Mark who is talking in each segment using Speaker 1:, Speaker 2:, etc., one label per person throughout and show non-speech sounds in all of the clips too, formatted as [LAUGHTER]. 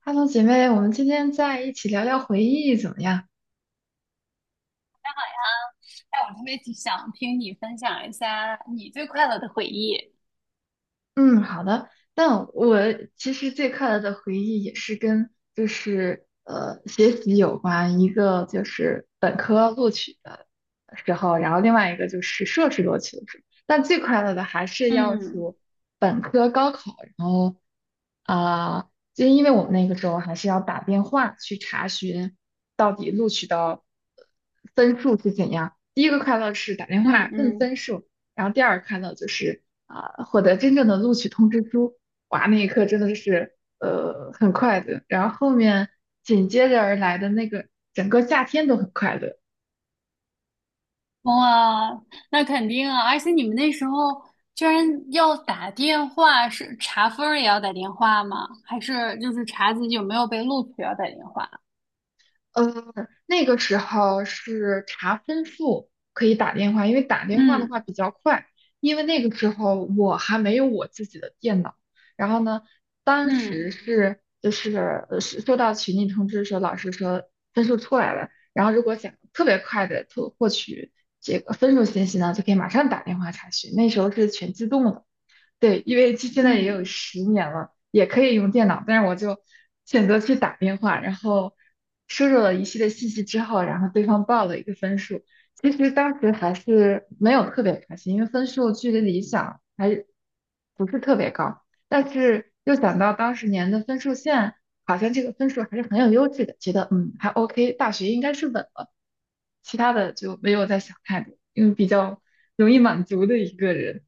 Speaker 1: 哈喽，姐妹，我们今天在一起聊聊回忆怎么样？
Speaker 2: 哎，我特别想听你分享一下你最快乐的回忆。
Speaker 1: 嗯，好的。但我其实最快乐的回忆也是跟就是学习有关，一个就是本科录取的时候，然后另外一个就是硕士录取的时候。但最快乐的还是要
Speaker 2: 嗯
Speaker 1: 数本科高考，然后就因为我们那个时候还是要打电话去查询到底录取到呃分数是怎样。第一个快乐是打电
Speaker 2: 嗯
Speaker 1: 话问
Speaker 2: 嗯。
Speaker 1: 分数，然后第二个快乐就是，获得真正的录取通知书。哇，那一刻真的是很快乐，然后后面紧接着而来的那个整个夏天都很快乐。
Speaker 2: 哇，那肯定啊！而且你们那时候居然要打电话，是查分儿也要打电话吗？还是就是查自己有没有被录取要打电话？
Speaker 1: 呃，那个时候是查分数可以打电话，因为打电话的
Speaker 2: 嗯
Speaker 1: 话比较快。因为那个时候我还没有我自己的电脑，然后呢，当时
Speaker 2: 嗯
Speaker 1: 是是收到群里通知说老师说分数出来了，然后如果想特别快的获取这个分数信息呢，就可以马上打电话查询。那时候是全自动的。对，因为这现在也有
Speaker 2: 嗯。
Speaker 1: 10年了，也可以用电脑，但是我就选择去打电话，然后输入了一系列信息之后，然后对方报了一个分数。其实当时还是没有特别开心，因为分数距离理想还是不是特别高，但是又想到当时年的分数线，好像这个分数还是很有优势的，觉得还 OK，大学应该是稳了。其他的就没有再想太多，因为比较容易满足的一个人。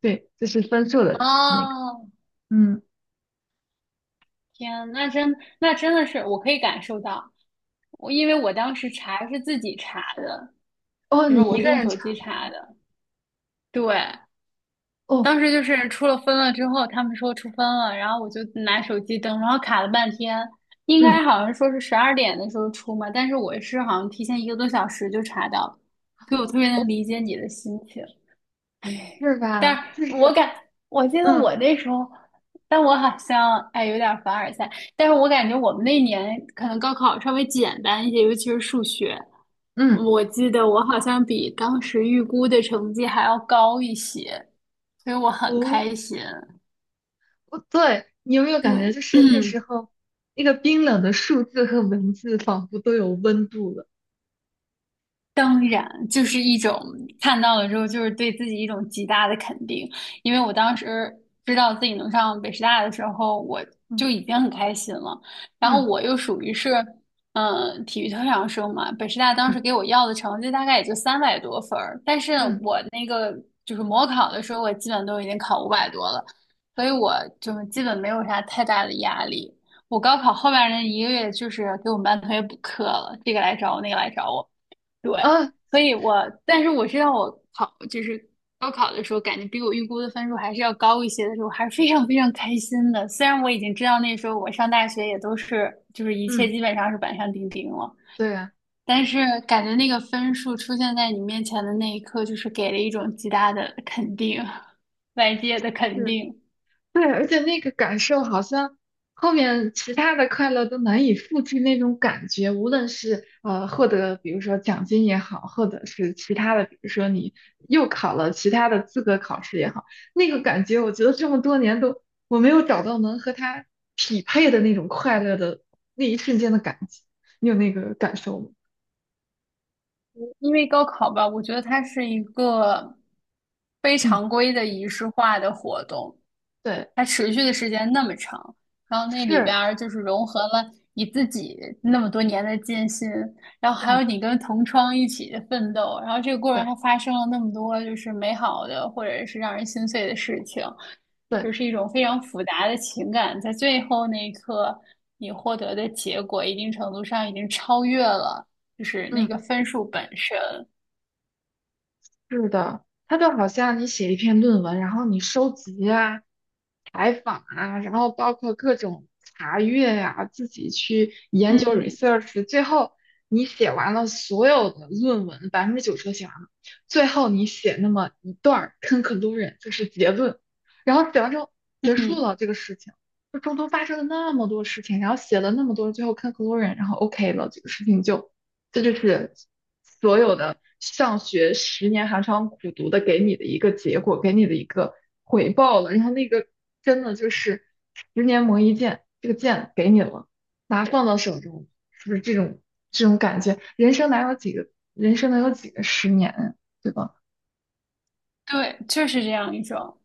Speaker 1: 对，就是分数的那个，
Speaker 2: 哦，
Speaker 1: 嗯，
Speaker 2: 天，那真的是我可以感受到，因为我当时查是自己查的，
Speaker 1: 哦，
Speaker 2: 就
Speaker 1: 你
Speaker 2: 是我
Speaker 1: 一
Speaker 2: 是
Speaker 1: 个
Speaker 2: 用
Speaker 1: 人
Speaker 2: 手
Speaker 1: 唱，
Speaker 2: 机查的。对。
Speaker 1: 哦，
Speaker 2: 当时就是出了分了之后，他们说出分了，然后我就拿手机登，然后卡了半天，应
Speaker 1: 嗯，
Speaker 2: 该好像说是十二点的时候出嘛，但是我是好像提前一个多小时就查到了,所以我特别能理解你的心情。[LAUGHS] 哎，
Speaker 1: 是
Speaker 2: 但
Speaker 1: 吧？
Speaker 2: 是
Speaker 1: 就
Speaker 2: 我
Speaker 1: 是，
Speaker 2: 感，我记得
Speaker 1: 嗯
Speaker 2: 我那时候，但我好像有点凡尔赛，但是我感觉我们那年可能高考稍微简单一些，尤其是数学，
Speaker 1: 嗯，
Speaker 2: 我记得我好像比当时预估的成绩还要高一些，所以我很开
Speaker 1: 哦，
Speaker 2: 心。
Speaker 1: 哦对，你有没有
Speaker 2: 对。
Speaker 1: 感觉就是那时
Speaker 2: [CLEARS THROAT]
Speaker 1: 候那个冰冷的数字和文字仿佛都有温度了？
Speaker 2: 当然，就是一种看到了之后，就是对自己一种极大的肯定。因为我当时知道自己能上北师大的时候，我
Speaker 1: 嗯
Speaker 2: 就已经很开心了。然后
Speaker 1: 嗯
Speaker 2: 我又属于是，体育特长生嘛，北师大当时
Speaker 1: 嗯
Speaker 2: 给我要的成绩大概也就三百多分儿，但是
Speaker 1: 嗯
Speaker 2: 我那个就是模考的时候，我基本都已经考五百多了，所以我就是基本没有啥太大的压力。我高考后面那一个月，就是给我们班同学补课了，这个来找我，那个来找我。对。
Speaker 1: 啊，
Speaker 2: 所以我，但是我知道就是高考的时候，感觉比我预估的分数还是要高一些的时候，还是非常 [LAUGHS] 非常开心的。虽然我已经知道那时候我上大学也都是就是一切
Speaker 1: 嗯，
Speaker 2: 基本上是板上钉钉了，
Speaker 1: 对啊，
Speaker 2: 但是感觉那个分数出现在你面前的那一刻，就是给了一种极大的肯定，外界的肯
Speaker 1: 是
Speaker 2: 定。
Speaker 1: 对，而且那个感受好像后面其他的快乐都难以复制那种感觉，无论是获得比如说奖金也好，或者是其他的，比如说你又考了其他的资格考试也好，那个感觉我觉得这么多年都我没有找到能和它匹配的那种快乐的那一瞬间的感觉，你有那个感受吗？
Speaker 2: 因为高考吧，我觉得它是一个非
Speaker 1: 嗯，
Speaker 2: 常规的仪式化的活动。
Speaker 1: 对，
Speaker 2: 它持续的时间那么长，然后那里边
Speaker 1: 是，
Speaker 2: 儿就是融合了你自己那么多年的艰辛，然后还
Speaker 1: 嗯，
Speaker 2: 有你跟同窗一起的奋斗，然后这个过程
Speaker 1: 对
Speaker 2: 还发生了那么多就是美好的或者是让人心碎的事情，
Speaker 1: 对，
Speaker 2: 就是一种非常复杂的情感，在最后那一刻，你获得的结果一定程度上已经超越了就是那
Speaker 1: 嗯。
Speaker 2: 个分数本身。
Speaker 1: 是的，它就好像你写一篇论文，然后你收集啊、采访啊，然后包括各种查阅呀、自己去研究
Speaker 2: 嗯
Speaker 1: research，最后你写完了所有的论文，90%都写完了，最后你写那么一段儿 conclusion，就是结论，然后写完之后结束
Speaker 2: 嗯。
Speaker 1: 了这个事情，就中途发生了那么多事情，然后写了那么多，最后 conclusion，然后 OK 了，这个事情就这就是所有的上学十年寒窗苦读的给你的一个结果，给你的一个回报了。然后那个真的就是十年磨一剑，这个剑给你了，拿放到手中，是不是这种感觉？人生能有几个十年，对吧？
Speaker 2: 对，就是这样一种。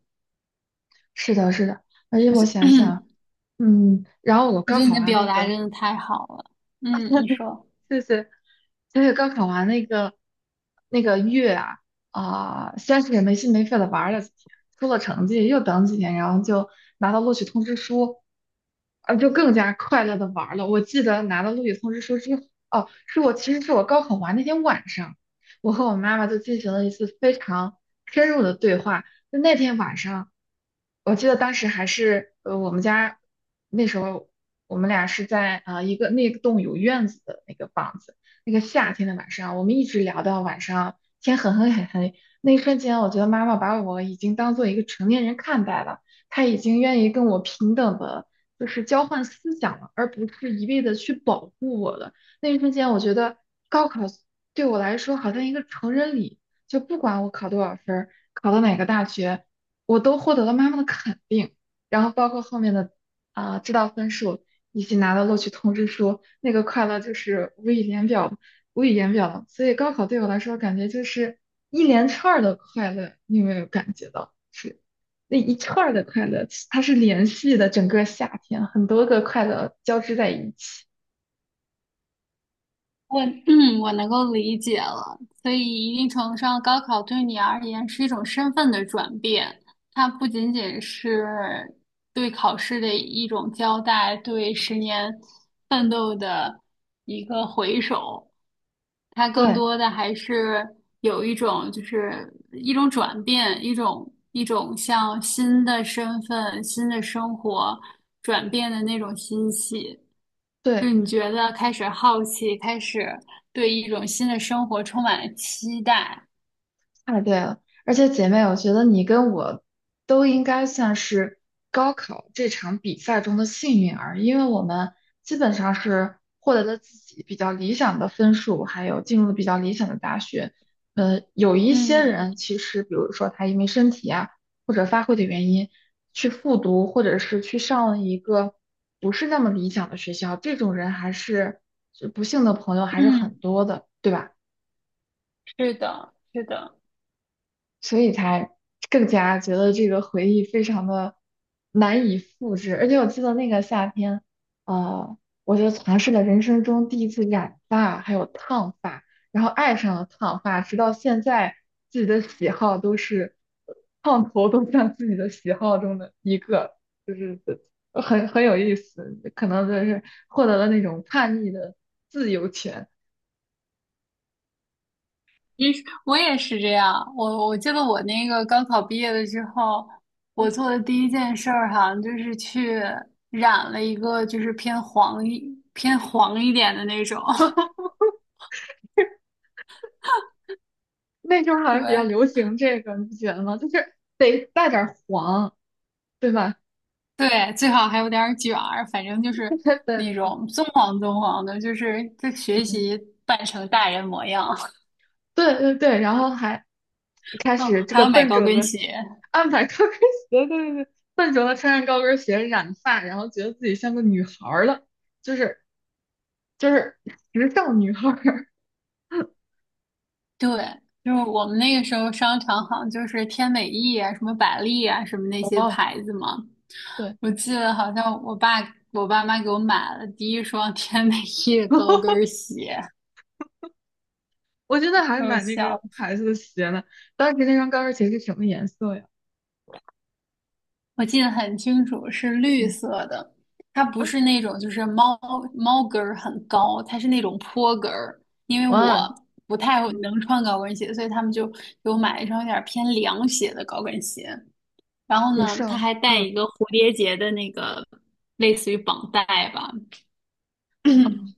Speaker 1: 是的，是的。而且我想想，
Speaker 2: [CLEARS THROAT]
Speaker 1: 嗯，然后我
Speaker 2: 我觉
Speaker 1: 高
Speaker 2: 得你
Speaker 1: 考
Speaker 2: 的
Speaker 1: 完
Speaker 2: 表
Speaker 1: 那
Speaker 2: 达
Speaker 1: 个。
Speaker 2: 真的太好了。嗯，你说。
Speaker 1: 谢谢。而且高考完那个月啊，先是没心没肺的玩了几天，出了成绩又等几天，然后就拿到录取通知书，啊，就更加快乐的玩了。我记得拿到录取通知书之后，哦，是我其实是我高考完那天晚上，我和我妈妈就进行了一次非常深入的对话。就那天晚上，我记得当时还是我们家那时候我们俩是在一个那栋有院子的那个房子，那个夏天的晚上，我们一直聊到晚上天很黑很黑。那一瞬间，我觉得妈妈把我已经当做一个成年人看待了，她已经愿意跟我平等的，就是交换思想了，而不是一味的去保护我了。那一瞬间，我觉得高考对我来说好像一个成人礼。就不管我考多少分儿，考到哪个大学，我都获得了妈妈的肯定。然后包括后面的知道分数，以及拿到录取通知书，那个快乐就是无以言表，无以言表了所以高考对我来说，感觉就是一连串儿的快乐，你有没有感觉到？是那一串儿的快乐，它是连续的，整个夏天很多个快乐交织在一起。
Speaker 2: 我 [CLEARS THROAT] 嗯，我能够理解了。所以，一定程度上，高考对你而言是一种身份的转变，它不仅仅是对考试的一种交代，对十年奋斗的一个回首，它更
Speaker 1: 对
Speaker 2: 多的还是有一种就是一种转变，一种像新的身份、新的生活转变的那种欣喜。就
Speaker 1: 对。
Speaker 2: 你觉得开始好奇，开始对一种新的生活充满了期待。
Speaker 1: 太对了，而且姐妹，我觉得你跟我都应该算是高考这场比赛中的幸运儿，因为我们基本上是获得了自己比较理想的分数，还有进入了比较理想的大学。有一些
Speaker 2: 嗯
Speaker 1: 人其实，比如说他因为身体啊或者发挥的原因，去复读或者是去上了一个不是那么理想的学校，这种人还是就不幸的朋友还是很
Speaker 2: 嗯。
Speaker 1: 多的，对吧？
Speaker 2: 是的，是的。
Speaker 1: 所以才更加觉得这个回忆非常的难以复制。而且我记得那个夏天，呃，我就尝试了人生中第一次染发，还有烫发，然后爱上了烫发，直到现在自己的喜好都是呃烫头，都像自己的喜好中的一个，就是很有意思，可能就是获得了那种叛逆的自由权。
Speaker 2: 其实我也是这样。我记得我那个高考毕业了之后，我
Speaker 1: 嗯
Speaker 2: 做的第一件事儿好像就是去染了一个就是偏黄一点的那种。
Speaker 1: 那时候
Speaker 2: [LAUGHS]
Speaker 1: 好
Speaker 2: 对
Speaker 1: 像比较流行这个，你不觉得吗？就是得带点儿黄，对吧？
Speaker 2: 对，最好还有点儿卷儿，反正就是
Speaker 1: [LAUGHS] 对对
Speaker 2: 那
Speaker 1: 对，
Speaker 2: 种棕黄棕黄的，就是在学
Speaker 1: 嗯，
Speaker 2: 习扮成大人模样。
Speaker 1: 对对对，然后还开
Speaker 2: 哦，
Speaker 1: 始这
Speaker 2: 还
Speaker 1: 个
Speaker 2: 要买
Speaker 1: 笨
Speaker 2: 高
Speaker 1: 拙
Speaker 2: 跟
Speaker 1: 的
Speaker 2: 鞋。
Speaker 1: 安排高跟鞋，对对对，笨拙的穿上高跟鞋染发，然后觉得自己像个女孩儿了，就是就是时尚女孩儿。
Speaker 2: 对，就是我们那个时候商场好像就是天美意啊、什么百丽啊、什么那
Speaker 1: [LAUGHS]
Speaker 2: 些
Speaker 1: 哦，
Speaker 2: 牌子嘛。
Speaker 1: 对，
Speaker 2: 我记得好像我爸妈给我买了第一双天美意的高跟
Speaker 1: [LAUGHS]
Speaker 2: 鞋，
Speaker 1: 我真的
Speaker 2: 给
Speaker 1: 还
Speaker 2: 我
Speaker 1: 买那
Speaker 2: 笑
Speaker 1: 个
Speaker 2: 死。
Speaker 1: 牌子的鞋呢。当时那双高跟鞋是什么颜色呀？
Speaker 2: 我记得很清楚，是绿
Speaker 1: 嗯
Speaker 2: 色的，它不是那种就是猫跟儿很高，它是那种坡跟儿。因为
Speaker 1: 哇
Speaker 2: 我
Speaker 1: 哦，
Speaker 2: 不太
Speaker 1: 嗯，
Speaker 2: 能穿高跟鞋，所以他们就给我买了一双有点偏凉鞋的高跟鞋。然后
Speaker 1: 有
Speaker 2: 呢，
Speaker 1: 事
Speaker 2: 他
Speaker 1: 儿，
Speaker 2: 还带
Speaker 1: 嗯，
Speaker 2: 一个蝴蝶结的那个类似于绑带吧。
Speaker 1: 嗯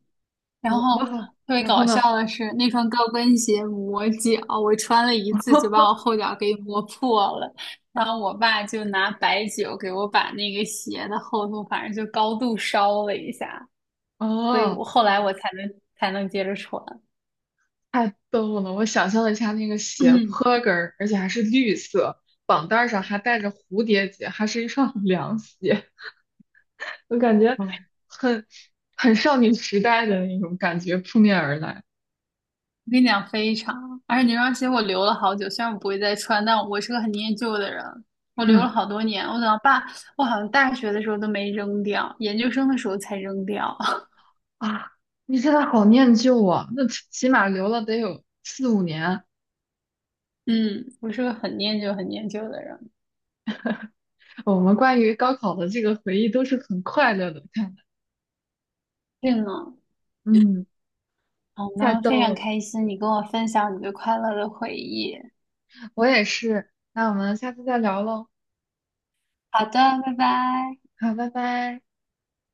Speaker 2: 然
Speaker 1: 我
Speaker 2: 后
Speaker 1: 哇，
Speaker 2: 特别
Speaker 1: 然后
Speaker 2: 搞
Speaker 1: 呢？
Speaker 2: 笑的是，那双高跟鞋磨脚，我穿了一次就把
Speaker 1: [LAUGHS]
Speaker 2: 我后脚给磨破了。然后我爸就拿白酒给我把那个鞋的厚度，反正就高度烧了一下，所以
Speaker 1: 哦，
Speaker 2: 我后来我才能才能接着穿。
Speaker 1: 太逗了！我想象了一下那个
Speaker 2: [CLEARS THROAT]
Speaker 1: 斜
Speaker 2: 嗯，
Speaker 1: 坡跟儿，而且还是绿色，绑带儿上还带着蝴蝶结，还是一双 [LAUGHS] 凉鞋，[LAUGHS] 我感觉
Speaker 2: 对，
Speaker 1: 很少女时代的那种感觉扑面而来。
Speaker 2: 我跟你讲非常，而且那双鞋我留了好久，虽然我不会再穿，但我是个很念旧的人，我留了
Speaker 1: 嗯
Speaker 2: 好多年。我等到爸，我好像大学的时候都没扔掉，研究生的时候才扔掉。[LAUGHS]
Speaker 1: 啊，你现在好念旧啊，那起码留了得有4、5年。
Speaker 2: 嗯，我是个很念旧、很念旧的人。
Speaker 1: 我们关于高考的这个回忆都是很快乐的，看来，
Speaker 2: 对呢，
Speaker 1: 嗯，
Speaker 2: 好
Speaker 1: 太
Speaker 2: 呢，
Speaker 1: 逗
Speaker 2: 非常
Speaker 1: 了，
Speaker 2: 开心你跟我分享你对快乐的回忆。
Speaker 1: 我也是。那我们下次再聊喽。
Speaker 2: 好的，拜拜。
Speaker 1: 好，拜拜。